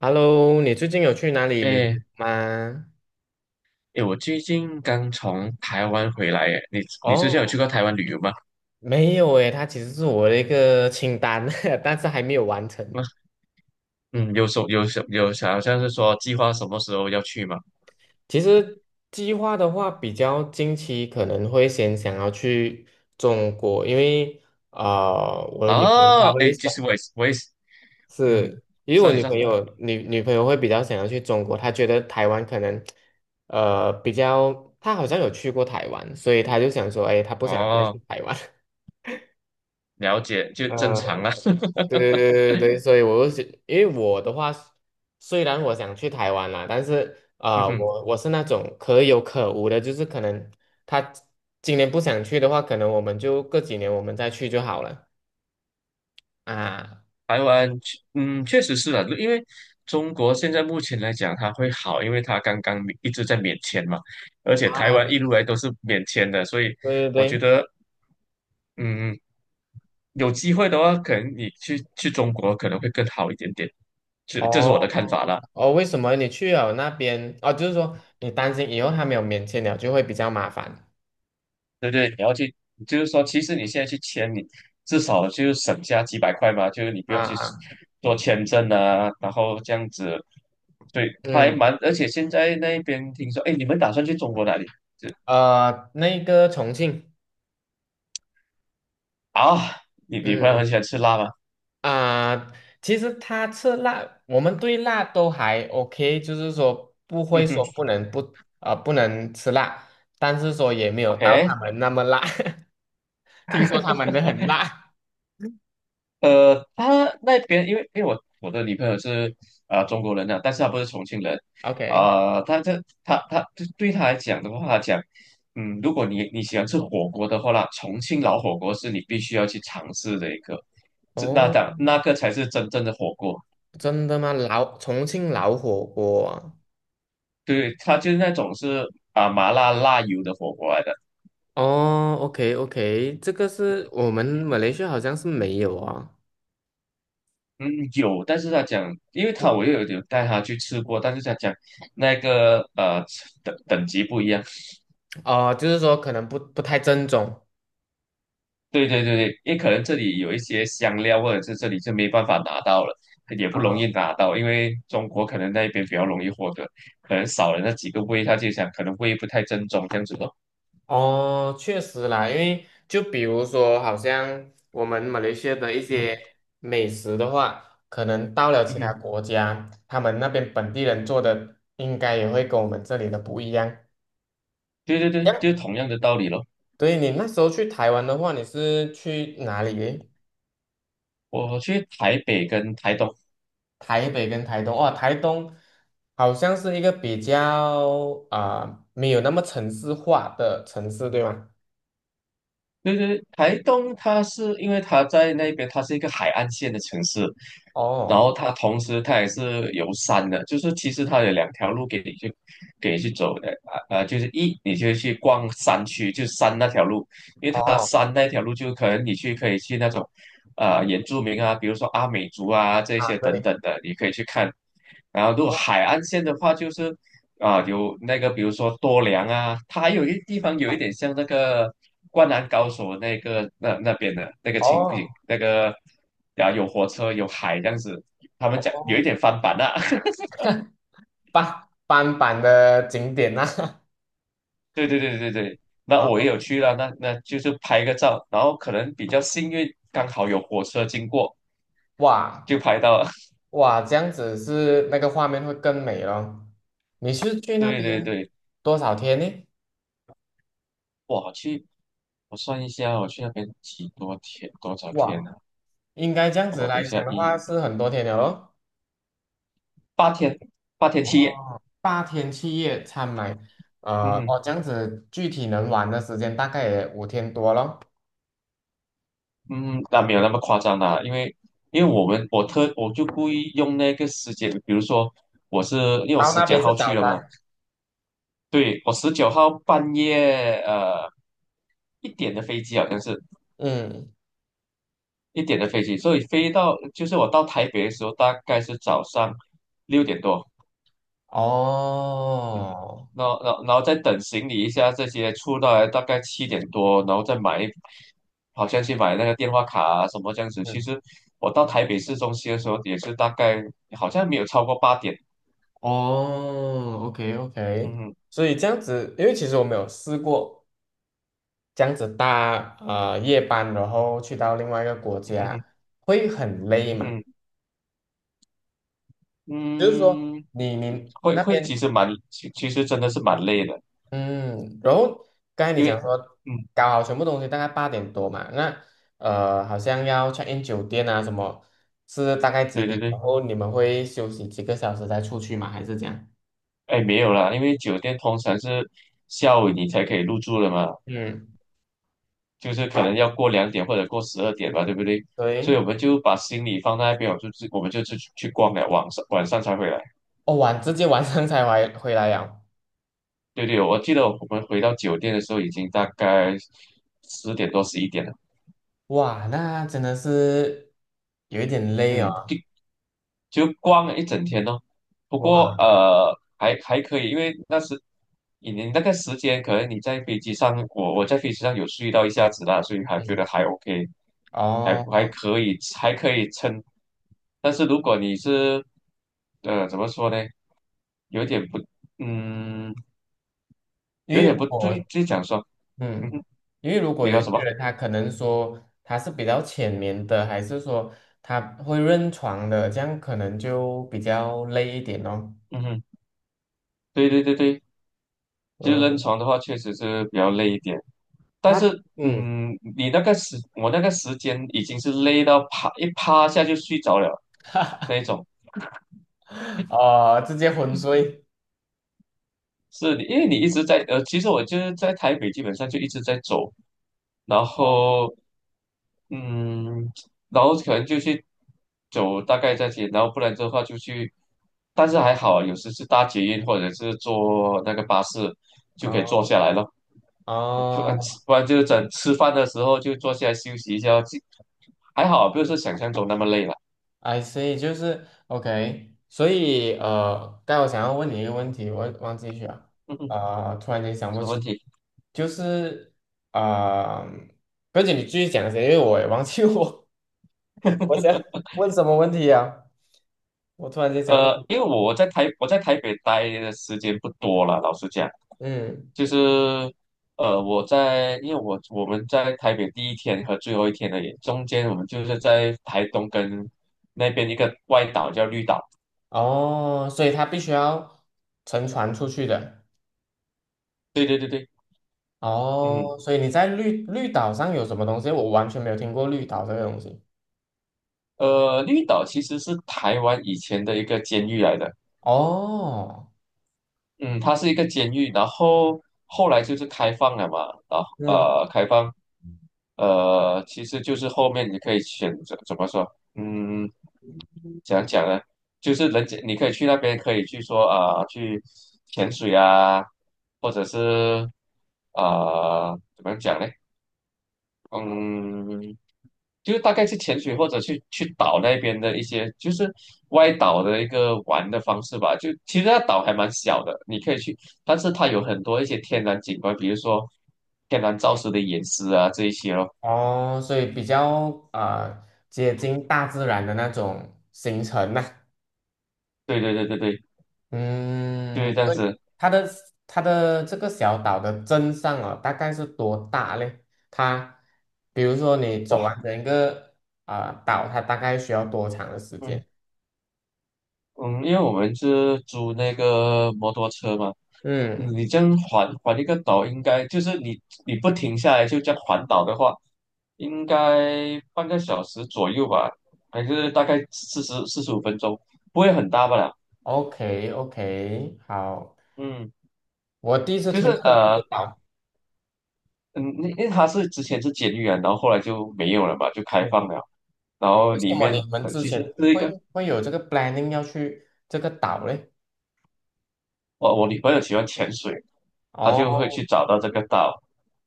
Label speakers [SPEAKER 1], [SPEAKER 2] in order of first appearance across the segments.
[SPEAKER 1] Hello，你最近有去哪里旅游
[SPEAKER 2] 哎
[SPEAKER 1] 吗？
[SPEAKER 2] 哎，我最近刚从台湾回来，哎，你之前有去
[SPEAKER 1] 哦，
[SPEAKER 2] 过台湾旅游吗？
[SPEAKER 1] 没有诶，它其实是我的一个清单，但是还没有完成。
[SPEAKER 2] 啊嗯，有什有什有想好像是说计划什么时候要去吗？
[SPEAKER 1] 其实计划的话，比较近期可能会先想要去中国，因为我的女朋友
[SPEAKER 2] 哦，
[SPEAKER 1] 她会
[SPEAKER 2] 哎，
[SPEAKER 1] 想
[SPEAKER 2] 其实我也是，嗯，
[SPEAKER 1] 是，因
[SPEAKER 2] 你
[SPEAKER 1] 为
[SPEAKER 2] 说
[SPEAKER 1] 我
[SPEAKER 2] 你
[SPEAKER 1] 女
[SPEAKER 2] 说，
[SPEAKER 1] 朋友女朋友会比较想要去中国，她觉得台湾可能呃比较，她好像有去过台湾，所以她就想说，哎，她不想再去
[SPEAKER 2] 哦，
[SPEAKER 1] 台湾。
[SPEAKER 2] 了解，就正 常啦。
[SPEAKER 1] 对对对对对，所以我就想，因为我的话，虽然我想去台湾啦，但是啊、
[SPEAKER 2] 嗯
[SPEAKER 1] 呃
[SPEAKER 2] 哼。
[SPEAKER 1] 我我是那种可有可无的，就是可能他今年不想去的话，可能我们就过几年我们再去就好了啊
[SPEAKER 2] 台湾确实是啊，因为中国现在目前来讲，它会好，因为它刚刚一直在免签嘛，而且
[SPEAKER 1] 啊，
[SPEAKER 2] 台湾一路来都是免签的，所以
[SPEAKER 1] 对对
[SPEAKER 2] 我觉
[SPEAKER 1] 对，
[SPEAKER 2] 得，嗯，有机会的话，可能你去中国可能会更好一点点。这是我
[SPEAKER 1] 哦
[SPEAKER 2] 的看法啦，
[SPEAKER 1] 哦，为什么你去了那边？哦，就是说你担心以后他没有免签了，就会比较麻烦
[SPEAKER 2] 对不对？你要去，就是说，其实你现在去签，你至少就是省下几百块嘛，就是你不用
[SPEAKER 1] 啊
[SPEAKER 2] 去
[SPEAKER 1] 啊，
[SPEAKER 2] 做签证啊，然后这样子。对，还
[SPEAKER 1] 嗯，
[SPEAKER 2] 蛮，而且现在那边听说，哎，你们打算去中国哪里？这
[SPEAKER 1] 呃，那个重庆。
[SPEAKER 2] 啊，你女朋友很
[SPEAKER 1] 嗯。
[SPEAKER 2] 喜欢吃辣吗？
[SPEAKER 1] 啊、其实他吃辣，我们对辣都还 OK，就是说不会
[SPEAKER 2] 嗯
[SPEAKER 1] 嗯
[SPEAKER 2] 哼
[SPEAKER 1] 说不能不能吃辣，但是说也没有到
[SPEAKER 2] ，OK。
[SPEAKER 1] 他们那么辣，听说他们的很辣。
[SPEAKER 2] 他那边因为我的女朋友是中国人呐，但是她不是重庆人
[SPEAKER 1] OK，
[SPEAKER 2] 他这他他对对她来讲的话，她讲，嗯，如果你喜欢吃火锅的话啦，重庆老火锅是你必须要去尝试的一个，这那当
[SPEAKER 1] 哦，
[SPEAKER 2] 那个才是真正的火锅。
[SPEAKER 1] 真的吗？老重庆老火锅啊？
[SPEAKER 2] 对，他就是那种是麻辣辣油的火锅来的。
[SPEAKER 1] 哦，OK OK，这个是我们马来西亚好像是没有啊，
[SPEAKER 2] 嗯，有，但是他讲，因为我又有带他去吃过，但是他讲那个等级不一样。
[SPEAKER 1] 哦、就是说可能不太正宗。
[SPEAKER 2] 对对对对，因为可能这里有一些香料，或者是这里就没办法拿到了，也不容
[SPEAKER 1] 啊。
[SPEAKER 2] 易拿到，因为中国可能那边比较容易获得，可能少了那几个味，他就想可能味不太正宗这样子咯。
[SPEAKER 1] 哦，确实啦，因为就比如说，好像我们马来西亚的一
[SPEAKER 2] 嗯
[SPEAKER 1] 些美食的话，可能到了
[SPEAKER 2] 嗯，
[SPEAKER 1] 其
[SPEAKER 2] 嗯
[SPEAKER 1] 他
[SPEAKER 2] 嗯，
[SPEAKER 1] 国家，他们那边本地人做的应该也会跟我们这里的不一样。
[SPEAKER 2] 对对
[SPEAKER 1] 这
[SPEAKER 2] 对，
[SPEAKER 1] 样
[SPEAKER 2] 就是同样的道理咯。
[SPEAKER 1] 对你那时候去台湾的话，你是去哪里诶？
[SPEAKER 2] 我去台北跟台东。
[SPEAKER 1] 台北跟台东哦，台东好像是一个比较啊、呃没有那么城市化的城市，对吗？
[SPEAKER 2] 对对，台东它是因为它在那边，它是一个海岸线的城市，然
[SPEAKER 1] 哦
[SPEAKER 2] 后它同时它也是有山的，就是其实它有两条路给你去走的。啊啊，就是你就去逛山区，就山那条路，因为它
[SPEAKER 1] 哦
[SPEAKER 2] 山那条路就可能可以去那种原住民啊，比如说阿美族啊这
[SPEAKER 1] 啊，
[SPEAKER 2] 些等
[SPEAKER 1] 对。
[SPEAKER 2] 等的，你可以去看。然后如果
[SPEAKER 1] 哦
[SPEAKER 2] 海岸线的话，就是啊，有那个，比如说多良啊，它还有一地方有一点像那个《灌篮高手》那个那边的那个情景，
[SPEAKER 1] 哦
[SPEAKER 2] 那个啊有火车有海这样子，他们讲有一
[SPEAKER 1] 哦，
[SPEAKER 2] 点翻版啊。
[SPEAKER 1] 半版的景点呐、
[SPEAKER 2] 对对对对对，那
[SPEAKER 1] 啊，
[SPEAKER 2] 我也有去了，那就是拍个照，然后可能比较幸运，刚好有火车经过
[SPEAKER 1] 哇
[SPEAKER 2] 就拍到了。
[SPEAKER 1] 哇，这样子是那个画面会更美咯。你 是去那
[SPEAKER 2] 对对
[SPEAKER 1] 边
[SPEAKER 2] 对。
[SPEAKER 1] 多少天呢？
[SPEAKER 2] 哇，我算一下，我去那边几多天多少天
[SPEAKER 1] 哇，
[SPEAKER 2] 呢，啊？
[SPEAKER 1] 应该这样子
[SPEAKER 2] 我等一
[SPEAKER 1] 来讲
[SPEAKER 2] 下
[SPEAKER 1] 的话是很多天了咯。
[SPEAKER 2] 八天8天7夜。
[SPEAKER 1] 哦，八天七夜参买，
[SPEAKER 2] 嗯
[SPEAKER 1] 呃，
[SPEAKER 2] 哼。
[SPEAKER 1] 哦，这样子具体能玩的时间大概也五天多咯。
[SPEAKER 2] 嗯，那没有那么夸张啦，因为我们我特我就故意用那个时间，比如说我是因为我
[SPEAKER 1] 到
[SPEAKER 2] 十
[SPEAKER 1] 那
[SPEAKER 2] 九
[SPEAKER 1] 边是
[SPEAKER 2] 号去
[SPEAKER 1] 早
[SPEAKER 2] 了嘛。
[SPEAKER 1] 餐，
[SPEAKER 2] 对，我十九号半夜一点的飞机，好像是
[SPEAKER 1] 嗯，
[SPEAKER 2] 一点的飞机，所以飞到就是我到台北的时候大概是早上6点多，
[SPEAKER 1] 哦，
[SPEAKER 2] 然后再等行李一下这些出来，大概7点多，然后再买一好像去买那个电话卡啊什么这样子。其
[SPEAKER 1] 嗯，
[SPEAKER 2] 实我到台北市中心的时候也是大概好像没有超过8点。
[SPEAKER 1] 哦，OK
[SPEAKER 2] 嗯
[SPEAKER 1] OK。
[SPEAKER 2] 哼，
[SPEAKER 1] 所以这样子，因为其实我没有试过这样子夜班，然后去到另外一个国
[SPEAKER 2] 嗯
[SPEAKER 1] 家，
[SPEAKER 2] 哼，
[SPEAKER 1] 会很累
[SPEAKER 2] 嗯
[SPEAKER 1] 嘛？
[SPEAKER 2] 哼，
[SPEAKER 1] 就是说
[SPEAKER 2] 嗯，
[SPEAKER 1] 你
[SPEAKER 2] 会
[SPEAKER 1] 那
[SPEAKER 2] 会
[SPEAKER 1] 边
[SPEAKER 2] 其实真的是蛮累的，
[SPEAKER 1] 嗯，然后刚才你
[SPEAKER 2] 因为
[SPEAKER 1] 讲说
[SPEAKER 2] 嗯，
[SPEAKER 1] 搞好全部东西大概八点多嘛，那呃好像要 check in 酒店啊什么，是大概几
[SPEAKER 2] 对对
[SPEAKER 1] 点？然
[SPEAKER 2] 对。
[SPEAKER 1] 后你们会休息几个小时再出去吗？还是这样？
[SPEAKER 2] 哎没有啦，因为酒店通常是下午你才可以入住的嘛。
[SPEAKER 1] 嗯，
[SPEAKER 2] 就是可能要过2点或者过12点吧，对不对？所以我
[SPEAKER 1] 对，
[SPEAKER 2] 们就把行李放在那边，我们就去逛了，晚上才回来。
[SPEAKER 1] 哦直接晚上才回来呀，
[SPEAKER 2] 对对，我记得我们回到酒店的时候已经大概10点多11点了。
[SPEAKER 1] 哇，那真的是有一点累
[SPEAKER 2] 嗯，
[SPEAKER 1] 哦，
[SPEAKER 2] 就逛了一整天哦。不过
[SPEAKER 1] 哇，
[SPEAKER 2] 还可以，因为那时你那个时间，可能你在飞机上，我在飞机上有睡到一下子啦，所以还觉得
[SPEAKER 1] 嗯，
[SPEAKER 2] 还 OK，还
[SPEAKER 1] 哦。
[SPEAKER 2] 可以，还可以撑。但是如果你是怎么说呢，有点不嗯，
[SPEAKER 1] 因
[SPEAKER 2] 有
[SPEAKER 1] 为
[SPEAKER 2] 点
[SPEAKER 1] 如
[SPEAKER 2] 不对，
[SPEAKER 1] 果
[SPEAKER 2] 就讲说嗯
[SPEAKER 1] 嗯，
[SPEAKER 2] 哼，
[SPEAKER 1] 因为如果
[SPEAKER 2] 你
[SPEAKER 1] 有
[SPEAKER 2] 说
[SPEAKER 1] 一些
[SPEAKER 2] 什么？
[SPEAKER 1] 人他可能说他是比较浅眠的，还是说他会认床的，这样可能就比较累一点哦。
[SPEAKER 2] 嗯哼，对对对对，就是扔
[SPEAKER 1] 嗯，
[SPEAKER 2] 床的话，确实是比较累一点。但
[SPEAKER 1] 他
[SPEAKER 2] 是，
[SPEAKER 1] 嗯，
[SPEAKER 2] 嗯，你那个时，我那个时间已经是累到趴下就睡着了那一种。
[SPEAKER 1] 哦，直接昏睡。
[SPEAKER 2] 因为你一直在，其实我就是在台北，基本上就一直在走，然
[SPEAKER 1] 哦
[SPEAKER 2] 后，嗯，然后可能就去走大概这些，然后不然的话就去，但是还好，有时是搭捷运或者是坐那个巴士就可以坐
[SPEAKER 1] 哦
[SPEAKER 2] 下来了，不然
[SPEAKER 1] 哦
[SPEAKER 2] 不然就是整吃饭的时候就坐下来休息一下，就还好，不是想象中那么累了。
[SPEAKER 1] ，I see，就是 OK。所以呃，但我想要问你一个问题，我忘记去了，呃，突然间想不
[SPEAKER 2] 什么问
[SPEAKER 1] 起，
[SPEAKER 2] 题？
[SPEAKER 1] 就是啊、呃，不要紧，你继续讲一先，因为我也忘记我。我想 问什么问题呀？我突然间想问你
[SPEAKER 2] 因为我在台北待的时间不多了，老实讲。
[SPEAKER 1] 嗯，
[SPEAKER 2] 就是因为我们在台北第一天和最后一天的也中间，我们就是在台东跟那边一个外岛叫绿岛。
[SPEAKER 1] 哦，所以它必须要乘船出去的，
[SPEAKER 2] 对对对对，嗯，
[SPEAKER 1] 哦，所以你在绿岛上有什么东西？我完全没有听过绿岛这个东西。
[SPEAKER 2] 绿岛其实是台湾以前的一个监狱来的。
[SPEAKER 1] 哦，
[SPEAKER 2] 嗯，它是一个监狱，然后后来就是开放了嘛，然后
[SPEAKER 1] 嗯，
[SPEAKER 2] 开放，其实就是后面你可以选择怎么说，嗯，怎样讲呢？就是人家你可以去那边，可以去潜水啊，或者是怎么样讲呢？嗯，就是大概去潜水或者去岛那边的一些，就是外岛的一个玩的方式吧。就其实那岛还蛮小的，你可以去，但是它有很多一些天然景观，比如说天然造石的岩石啊这一些咯。
[SPEAKER 1] 哦，所以比较啊、呃接近大自然的那种行程呐、
[SPEAKER 2] 对对对对对，就是
[SPEAKER 1] 嗯，
[SPEAKER 2] 这样
[SPEAKER 1] 对，
[SPEAKER 2] 子。
[SPEAKER 1] 它的它的这个小岛的镇上啊，大概是多大嘞？它，比如说你走完
[SPEAKER 2] 哇，
[SPEAKER 1] 整个啊、岛，它大概需要多长的时
[SPEAKER 2] 嗯。
[SPEAKER 1] 间？
[SPEAKER 2] 嗯，因为我们是租那个摩托车嘛，
[SPEAKER 1] 嗯
[SPEAKER 2] 你这样环一个岛，应该就是你不停下来就这样环岛的话，应该半个小时左右吧，还是大概45分钟，不会很大吧啦？
[SPEAKER 1] ，OK OK，好，
[SPEAKER 2] 嗯，
[SPEAKER 1] 我第一次
[SPEAKER 2] 就是
[SPEAKER 1] 听过这个岛，
[SPEAKER 2] 嗯，因为它是之前是监狱啊，然后后来就没有了嘛，就开
[SPEAKER 1] 嗯，
[SPEAKER 2] 放了，然后
[SPEAKER 1] 为什
[SPEAKER 2] 里
[SPEAKER 1] 么
[SPEAKER 2] 面
[SPEAKER 1] 你们之
[SPEAKER 2] 其实
[SPEAKER 1] 前
[SPEAKER 2] 是一
[SPEAKER 1] 会
[SPEAKER 2] 个
[SPEAKER 1] 会有这个 planning 要去这个岛嘞？
[SPEAKER 2] 我女朋友喜欢潜水，她就会
[SPEAKER 1] 哦，
[SPEAKER 2] 去找到这个岛。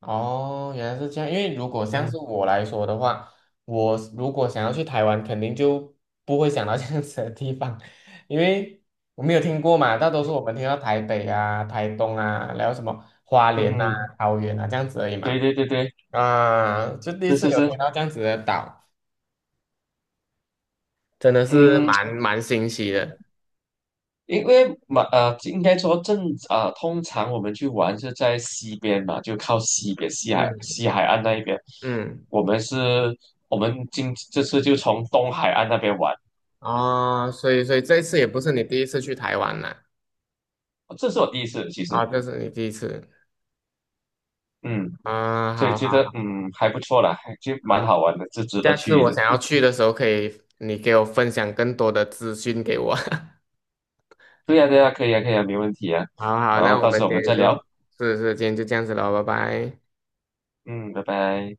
[SPEAKER 1] 哦，原来是这样。因为如果像是
[SPEAKER 2] 嗯
[SPEAKER 1] 我来说的话，我如果想要去台湾，肯定就不会想到这样子的地方，因为我没有听过嘛。大多数我们听到台北啊、台东啊，然后什么花
[SPEAKER 2] 嗯
[SPEAKER 1] 莲啊、
[SPEAKER 2] 嗯，
[SPEAKER 1] 嗯桃园啊这样子而已
[SPEAKER 2] 对
[SPEAKER 1] 嘛。
[SPEAKER 2] 对对对，
[SPEAKER 1] 啊，就第一
[SPEAKER 2] 是
[SPEAKER 1] 次
[SPEAKER 2] 是
[SPEAKER 1] 有听
[SPEAKER 2] 是。
[SPEAKER 1] 到这样子的岛，真的是
[SPEAKER 2] 嗯，
[SPEAKER 1] 蛮新奇的。
[SPEAKER 2] 因为嘛，呃，应该说正啊、呃通常我们去玩是在西边嘛，就靠西边
[SPEAKER 1] 嗯
[SPEAKER 2] 西海岸那一边。
[SPEAKER 1] 嗯，
[SPEAKER 2] 我们是，我们今这次就从东海岸那边玩。
[SPEAKER 1] 哦，所以这一次也不是你第一次去台湾啦，
[SPEAKER 2] 这是我第一次，其实，
[SPEAKER 1] 啊，这是你第一次
[SPEAKER 2] 嗯，
[SPEAKER 1] 啊，
[SPEAKER 2] 所以
[SPEAKER 1] 好
[SPEAKER 2] 觉
[SPEAKER 1] 好
[SPEAKER 2] 得嗯还不错啦，还就蛮
[SPEAKER 1] 好。
[SPEAKER 2] 好玩的，就值得
[SPEAKER 1] 下次
[SPEAKER 2] 去
[SPEAKER 1] 我
[SPEAKER 2] 的。
[SPEAKER 1] 想要去的时候，可以你给我分享更多的资讯给我。
[SPEAKER 2] 对呀、对呀、可以啊，可以啊，没问题啊。
[SPEAKER 1] 好好，
[SPEAKER 2] 然
[SPEAKER 1] 那
[SPEAKER 2] 后
[SPEAKER 1] 我
[SPEAKER 2] 到
[SPEAKER 1] 们
[SPEAKER 2] 时候我
[SPEAKER 1] 今
[SPEAKER 2] 们
[SPEAKER 1] 天
[SPEAKER 2] 再
[SPEAKER 1] 就，
[SPEAKER 2] 聊，
[SPEAKER 1] 是是，今天就这样子了，拜拜。
[SPEAKER 2] 嗯，拜拜。